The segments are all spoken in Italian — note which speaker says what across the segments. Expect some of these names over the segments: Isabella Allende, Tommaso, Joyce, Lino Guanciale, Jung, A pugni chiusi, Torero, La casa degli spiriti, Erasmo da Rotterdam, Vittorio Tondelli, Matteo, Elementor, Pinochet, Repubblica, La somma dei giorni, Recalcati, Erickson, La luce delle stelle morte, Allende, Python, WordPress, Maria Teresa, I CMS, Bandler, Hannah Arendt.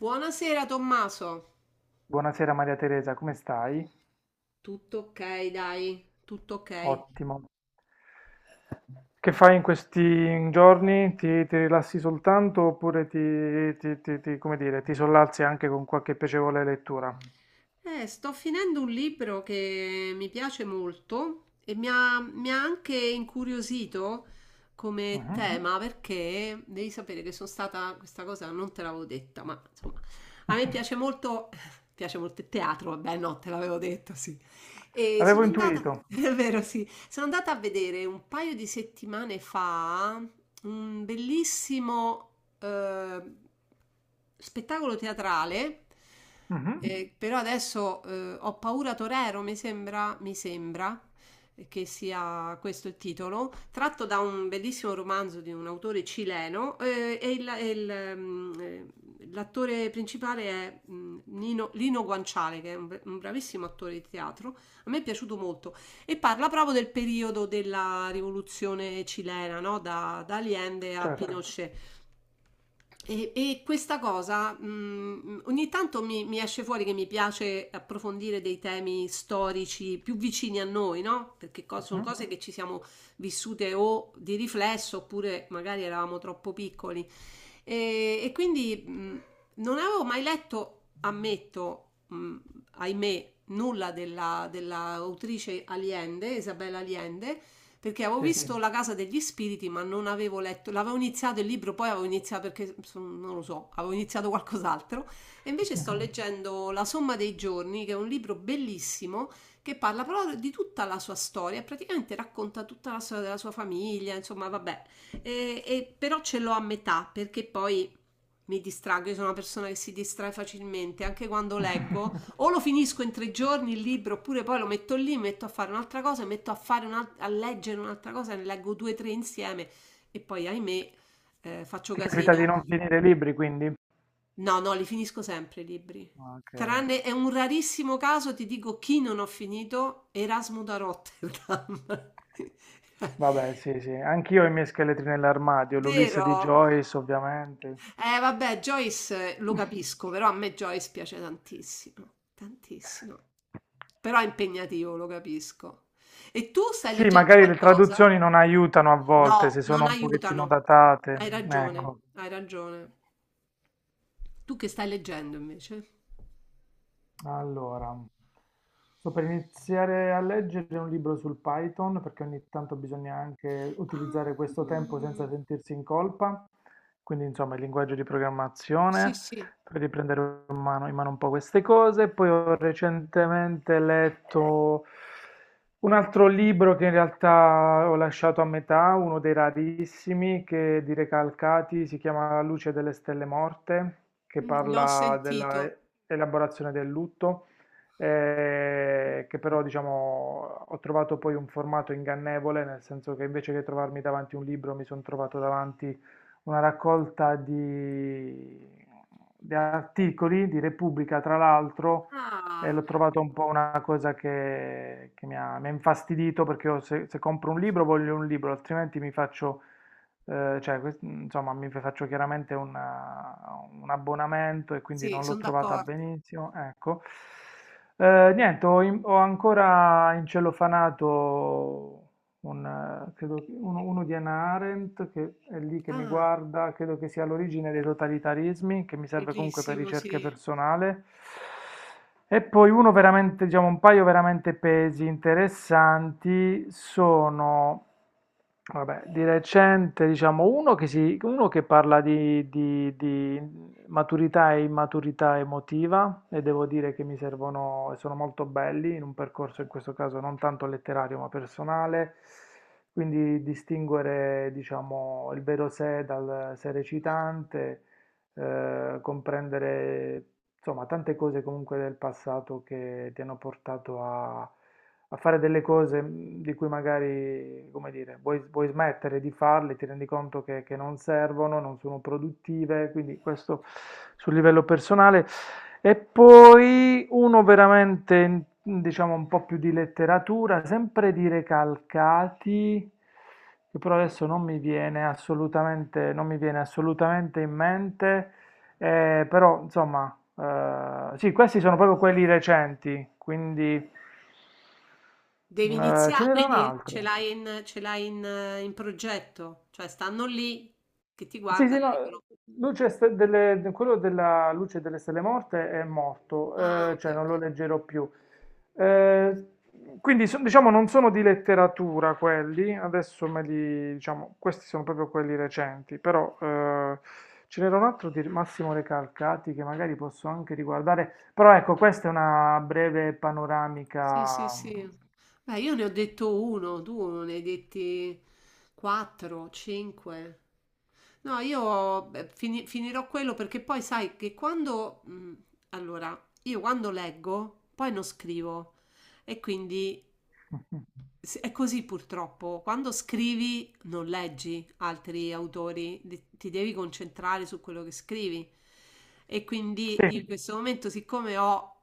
Speaker 1: Buonasera Tommaso.
Speaker 2: Buonasera Maria Teresa, come stai?
Speaker 1: Tutto ok, dai, tutto ok.
Speaker 2: Ottimo. Che fai in questi giorni? Ti rilassi soltanto oppure come dire, ti sollazzi anche con qualche piacevole lettura?
Speaker 1: Sto finendo un libro che mi piace molto e mi ha anche incuriosito come, mhm,
Speaker 2: Mhm.
Speaker 1: tema, perché devi sapere che sono stata, questa cosa non te l'avevo detta, ma insomma, a me piace molto, piace molto il teatro, vabbè, no, te l'avevo detto, sì. E sono,
Speaker 2: L'avevo
Speaker 1: sì, andata,
Speaker 2: intuito.
Speaker 1: è vero, sì, sono andata a vedere un paio di settimane fa un bellissimo eh, spettacolo teatrale.
Speaker 2: Mhm.
Speaker 1: Però adesso ho paura Torero, mi sembra che sia questo il titolo, tratto da un bellissimo romanzo di un autore cileno. L'attore principale è Lino Guanciale, che è un bravissimo attore di teatro. A me è piaciuto molto e parla proprio del periodo della rivoluzione cilena, no? Da Allende a
Speaker 2: Certo.
Speaker 1: Pinochet. E questa cosa ogni tanto mi esce fuori che mi piace approfondire dei temi storici più vicini a noi, no? Perché sono
Speaker 2: Mhm.
Speaker 1: cose che ci siamo vissute o di riflesso, oppure magari eravamo troppo piccoli. E quindi non avevo mai letto, ammetto, ahimè, nulla della autrice Allende, Isabella Allende, perché avevo
Speaker 2: Sì.
Speaker 1: visto, sì, La casa degli spiriti, ma non avevo letto, l'avevo iniziato il libro, poi avevo iniziato, perché non lo so, avevo iniziato qualcos'altro, e invece sto leggendo La somma dei giorni, che è un libro bellissimo che parla proprio di tutta la sua storia, praticamente racconta tutta la storia della sua famiglia, insomma, vabbè, però ce l'ho a metà, perché poi mi distraggo. Io sono una persona che si distrae facilmente, anche quando leggo. O lo finisco in 3 giorni il libro, oppure poi lo metto lì, metto a fare un'altra cosa, metto a leggere un'altra cosa, ne leggo due o tre insieme e poi, ahimè, faccio
Speaker 2: Ti capita di
Speaker 1: casino.
Speaker 2: non finire i libri, quindi?
Speaker 1: No, no, li finisco sempre i libri.
Speaker 2: Ok.
Speaker 1: Tranne è un rarissimo caso, ti dico chi non ho finito: Erasmo da Rotterdam.
Speaker 2: Vabbè, sì, sì. Anch'io ho i miei scheletri nell'armadio, l'Ulisse
Speaker 1: Vero?
Speaker 2: di Joyce, ovviamente.
Speaker 1: Vabbè, Joyce, lo capisco, però a me Joyce piace tantissimo, tantissimo. Però è impegnativo, lo capisco. E tu stai
Speaker 2: Sì,
Speaker 1: leggendo
Speaker 2: magari le
Speaker 1: qualcosa?
Speaker 2: traduzioni non aiutano a
Speaker 1: No,
Speaker 2: volte se
Speaker 1: non
Speaker 2: sono un pochettino
Speaker 1: aiutano. Hai
Speaker 2: datate.
Speaker 1: ragione,
Speaker 2: Ecco,
Speaker 1: hai ragione. Tu che stai leggendo invece?
Speaker 2: allora, sto per iniziare a leggere un libro sul Python perché ogni tanto bisogna anche
Speaker 1: Ah,
Speaker 2: utilizzare questo tempo senza sentirsi in colpa, quindi insomma il linguaggio di
Speaker 1: sì,
Speaker 2: programmazione.
Speaker 1: sì,
Speaker 2: Poi riprendere in mano, un po' queste cose. Poi ho recentemente letto un altro libro che in realtà ho lasciato a metà, uno dei rarissimi, che di Recalcati, si chiama La luce delle stelle morte, che
Speaker 1: l'ho
Speaker 2: parla
Speaker 1: sentito.
Speaker 2: della elaborazione del lutto, che però diciamo ho trovato poi un formato ingannevole, nel senso che invece che trovarmi davanti un libro mi sono trovato davanti una raccolta di articoli di Repubblica, tra l'altro, e
Speaker 1: Ah,
Speaker 2: l'ho trovato un po' una cosa che mi ha infastidito perché io se compro un libro voglio un libro, altrimenti mi faccio, cioè, insomma, mi faccio chiaramente un abbonamento e quindi
Speaker 1: sì,
Speaker 2: non l'ho
Speaker 1: sono
Speaker 2: trovata
Speaker 1: d'accordo.
Speaker 2: benissimo. Ecco. Niente, ho ancora incellofanato un, uno di Hannah Arendt, che è lì che mi
Speaker 1: Ah,
Speaker 2: guarda, credo che sia l'origine dei totalitarismi, che mi serve comunque per
Speaker 1: bellissimo,
Speaker 2: ricerche
Speaker 1: sì.
Speaker 2: personale. E poi uno veramente, diciamo, un paio veramente pesi interessanti sono vabbè, di recente, diciamo, uno che parla di maturità e immaturità emotiva e devo dire che mi servono e sono molto belli in un percorso in questo caso non tanto letterario ma personale, quindi distinguere, diciamo, il vero sé dal sé recitante, comprendere, insomma, tante cose comunque del passato che ti hanno portato a fare delle cose di cui magari, come dire, vuoi smettere di farle, ti rendi conto che non servono, non sono produttive, quindi questo sul livello personale. E poi uno veramente, diciamo, un po' più di letteratura, sempre di Recalcati, che però adesso non mi viene assolutamente, non mi viene assolutamente in mente, però insomma sì, questi sono proprio quelli recenti, quindi
Speaker 1: Devi
Speaker 2: ce
Speaker 1: iniziare,
Speaker 2: n'era un
Speaker 1: quindi ce
Speaker 2: altro.
Speaker 1: l'hai in, ce l'hai in, eh, in progetto, cioè stanno lì che ti
Speaker 2: Sì, sì,
Speaker 1: guardano e
Speaker 2: no,
Speaker 1: dicono,
Speaker 2: luce ste- delle- de- quello della luce delle stelle morte è morto,
Speaker 1: ah, ok,
Speaker 2: cioè non
Speaker 1: ok.
Speaker 2: lo leggerò più. Eh, quindi diciamo non sono di letteratura quelli, adesso me li, diciamo, questi sono proprio quelli recenti, però ce n'era un altro di Massimo Recalcati che magari posso anche riguardare, però ecco, questa è una breve
Speaker 1: Sì, sì,
Speaker 2: panoramica.
Speaker 1: sì. Beh, io ne ho detto uno, tu ne hai detti quattro, cinque. No, io beh, finirò quello, perché poi sai che quando, allora, io quando leggo, poi non scrivo e quindi.
Speaker 2: Mm.
Speaker 1: Sì, è così purtroppo, quando scrivi non leggi altri autori, ti devi concentrare su quello che scrivi. E quindi
Speaker 2: Sì,
Speaker 1: in questo momento, siccome ho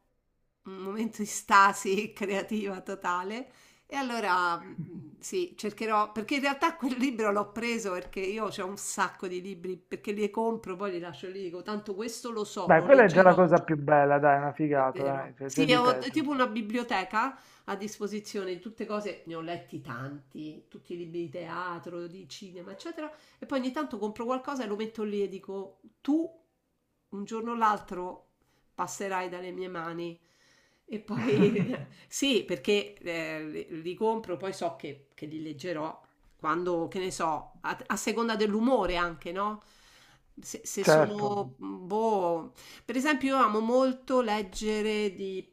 Speaker 1: un momento di stasi creativa totale, e allora sì, cercherò, perché in realtà quel libro l'ho preso perché io ho un sacco di libri, perché li compro, poi li lascio lì, dico, tanto questo lo so,
Speaker 2: dai,
Speaker 1: lo
Speaker 2: quella è già
Speaker 1: leggerò
Speaker 2: la
Speaker 1: un
Speaker 2: cosa
Speaker 1: giorno.
Speaker 2: più bella, dai, una
Speaker 1: È
Speaker 2: figata,
Speaker 1: vero.
Speaker 2: dai,
Speaker 1: Sì,
Speaker 2: c'è di
Speaker 1: ho
Speaker 2: peggio.
Speaker 1: tipo una biblioteca a disposizione di tutte cose, ne ho letti tanti, tutti i libri di teatro, di cinema, eccetera, e poi ogni tanto compro qualcosa e lo metto lì e dico, tu un giorno o l'altro passerai dalle mie mani. E poi sì, perché li compro, poi so che li leggerò quando, che ne so, a seconda dell'umore anche, no? Se
Speaker 2: Certo.
Speaker 1: sono boh, per esempio, io amo molto leggere di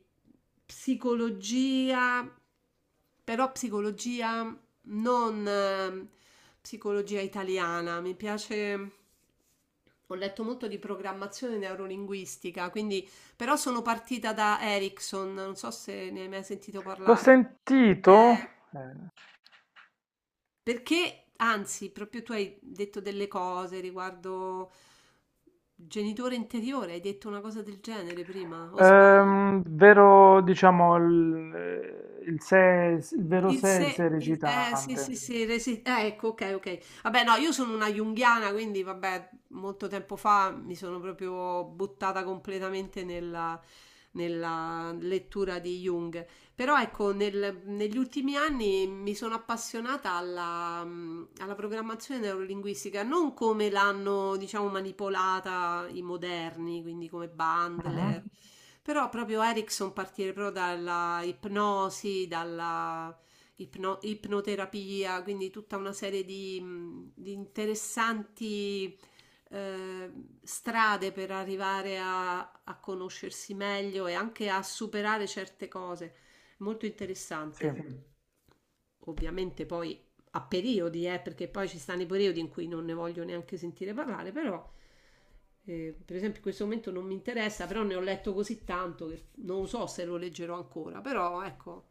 Speaker 1: psicologia, però psicologia non, psicologia italiana, mi piace. Ho letto molto di programmazione neurolinguistica, quindi però sono partita da Erickson, non so se ne hai mai sentito
Speaker 2: L'ho
Speaker 1: parlare.
Speaker 2: sentito,
Speaker 1: Eh,
Speaker 2: eh,
Speaker 1: perché, anzi, proprio tu hai detto delle cose riguardo genitore interiore, hai detto una cosa del genere prima, o sbaglio?
Speaker 2: vero, diciamo, il vero
Speaker 1: Il
Speaker 2: sé, e il sé
Speaker 1: se, sì, sì,
Speaker 2: recitante.
Speaker 1: sì, ecco, ok, ok. Vabbè, no, io sono una junghiana, quindi vabbè, molto tempo fa mi sono proprio buttata completamente nella lettura di Jung. Però ecco, negli ultimi anni mi sono appassionata alla programmazione neurolinguistica, non come l'hanno, diciamo, manipolata i moderni, quindi come Bandler,
Speaker 2: Mhm.
Speaker 1: mhm, però proprio Erickson, partire proprio dalla ipnosi, dalla ipnoterapia, quindi tutta una serie di interessanti eh, strade per arrivare a conoscersi meglio e anche a superare certe cose. Molto interessante.
Speaker 2: Sì.
Speaker 1: Ovviamente poi a periodi, perché poi ci stanno i periodi in cui non ne voglio neanche sentire parlare, però per esempio in questo momento non mi interessa, però ne ho letto così tanto che non so se lo leggerò ancora, però ecco,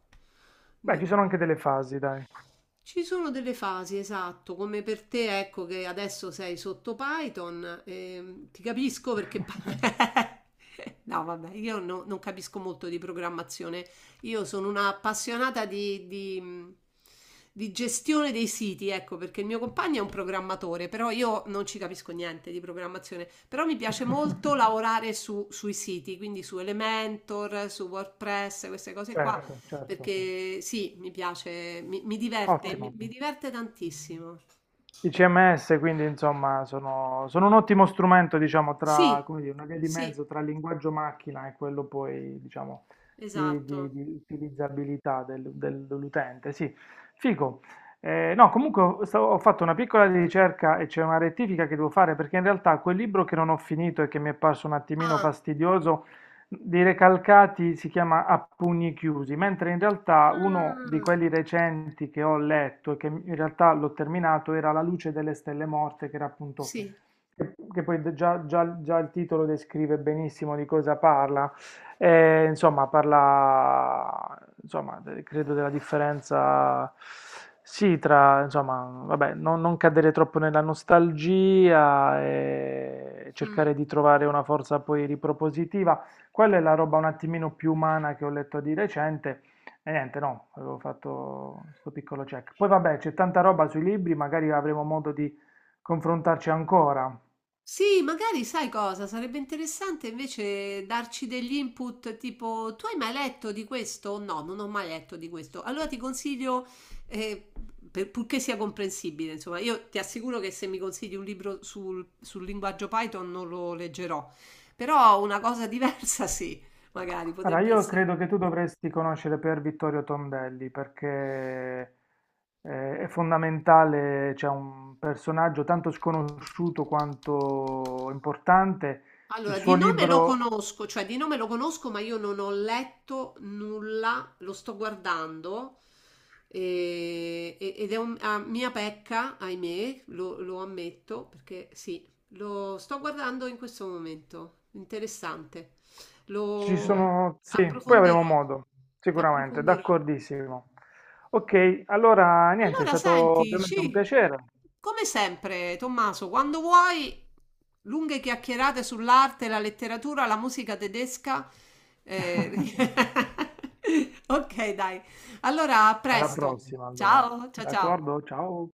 Speaker 2: Beh,
Speaker 1: ne-
Speaker 2: ci sono anche delle fasi, dai.
Speaker 1: ci sono delle fasi, esatto, come per te, ecco che adesso sei sotto Python, ti capisco perché. No, vabbè, io non capisco molto di programmazione, io sono una appassionata di gestione dei siti, ecco, perché il mio compagno è un programmatore, però io non ci capisco niente di programmazione, però mi piace molto lavorare sui siti, quindi su Elementor, su WordPress, queste cose qua,
Speaker 2: Certo, certo.
Speaker 1: perché sì, mi piace, mi diverte, mi,
Speaker 2: Ottimo.
Speaker 1: mi diverte tantissimo.
Speaker 2: I CMS, quindi insomma, sono, sono un ottimo strumento, diciamo, tra,
Speaker 1: Sì,
Speaker 2: come dire, una via di
Speaker 1: sì,
Speaker 2: mezzo tra il linguaggio macchina e quello poi, diciamo, di,
Speaker 1: esatto.
Speaker 2: di utilizzabilità dell'utente. Sì, figo. No, comunque ho fatto una piccola ricerca e c'è una rettifica che devo fare perché in realtà quel libro che non ho finito e che mi è parso un attimino
Speaker 1: Ah,
Speaker 2: fastidioso di Recalcati si chiama A pugni chiusi, mentre in realtà uno di
Speaker 1: ah,
Speaker 2: quelli recenti che ho letto e che in realtà l'ho terminato era La luce delle stelle morte, che era appunto,
Speaker 1: sì.
Speaker 2: che poi già il titolo descrive benissimo di cosa parla. Insomma, parla, insomma, de- credo della differenza, sì, tra, insomma, vabbè, non cadere troppo nella nostalgia e
Speaker 1: Mm.
Speaker 2: cercare di trovare una forza poi ripropositiva, quella è la roba un attimino più umana che ho letto di recente e niente, no, avevo fatto sto piccolo check. Poi vabbè, c'è tanta roba sui libri, magari avremo modo di confrontarci ancora.
Speaker 1: Sì, magari sai cosa? Sarebbe interessante invece darci degli input, tipo tu hai mai letto di questo? No, non ho mai letto di questo. Allora ti consiglio, eh, purché sia comprensibile, insomma, io ti assicuro che se mi consigli un libro sul linguaggio Python non lo leggerò, però una cosa diversa sì, magari
Speaker 2: Allora,
Speaker 1: potrebbe
Speaker 2: io
Speaker 1: essere.
Speaker 2: credo che tu dovresti conoscere per Vittorio Tondelli perché è fondamentale, c'è un personaggio tanto sconosciuto quanto importante. Il
Speaker 1: Allora,
Speaker 2: suo
Speaker 1: di nome lo
Speaker 2: libro
Speaker 1: conosco, cioè di nome lo conosco, ma io non ho letto nulla, lo sto guardando ed è una mia pecca, ahimè, lo ammetto, perché sì, lo sto guardando in questo momento, interessante,
Speaker 2: ci
Speaker 1: lo
Speaker 2: sono, sì, poi avremo
Speaker 1: approfondirò,
Speaker 2: modo, sicuramente,
Speaker 1: approfondirò.
Speaker 2: d'accordissimo. Ok, allora niente, è
Speaker 1: Allora,
Speaker 2: stato
Speaker 1: senti,
Speaker 2: ovviamente un
Speaker 1: sì,
Speaker 2: piacere.
Speaker 1: come sempre, Tommaso, quando vuoi, lunghe chiacchierate sull'arte, la letteratura, la musica tedesca. eh, Ok, dai. Allora, a
Speaker 2: Alla
Speaker 1: presto.
Speaker 2: prossima, allora.
Speaker 1: Ciao, ciao, ciao.
Speaker 2: D'accordo? Ciao.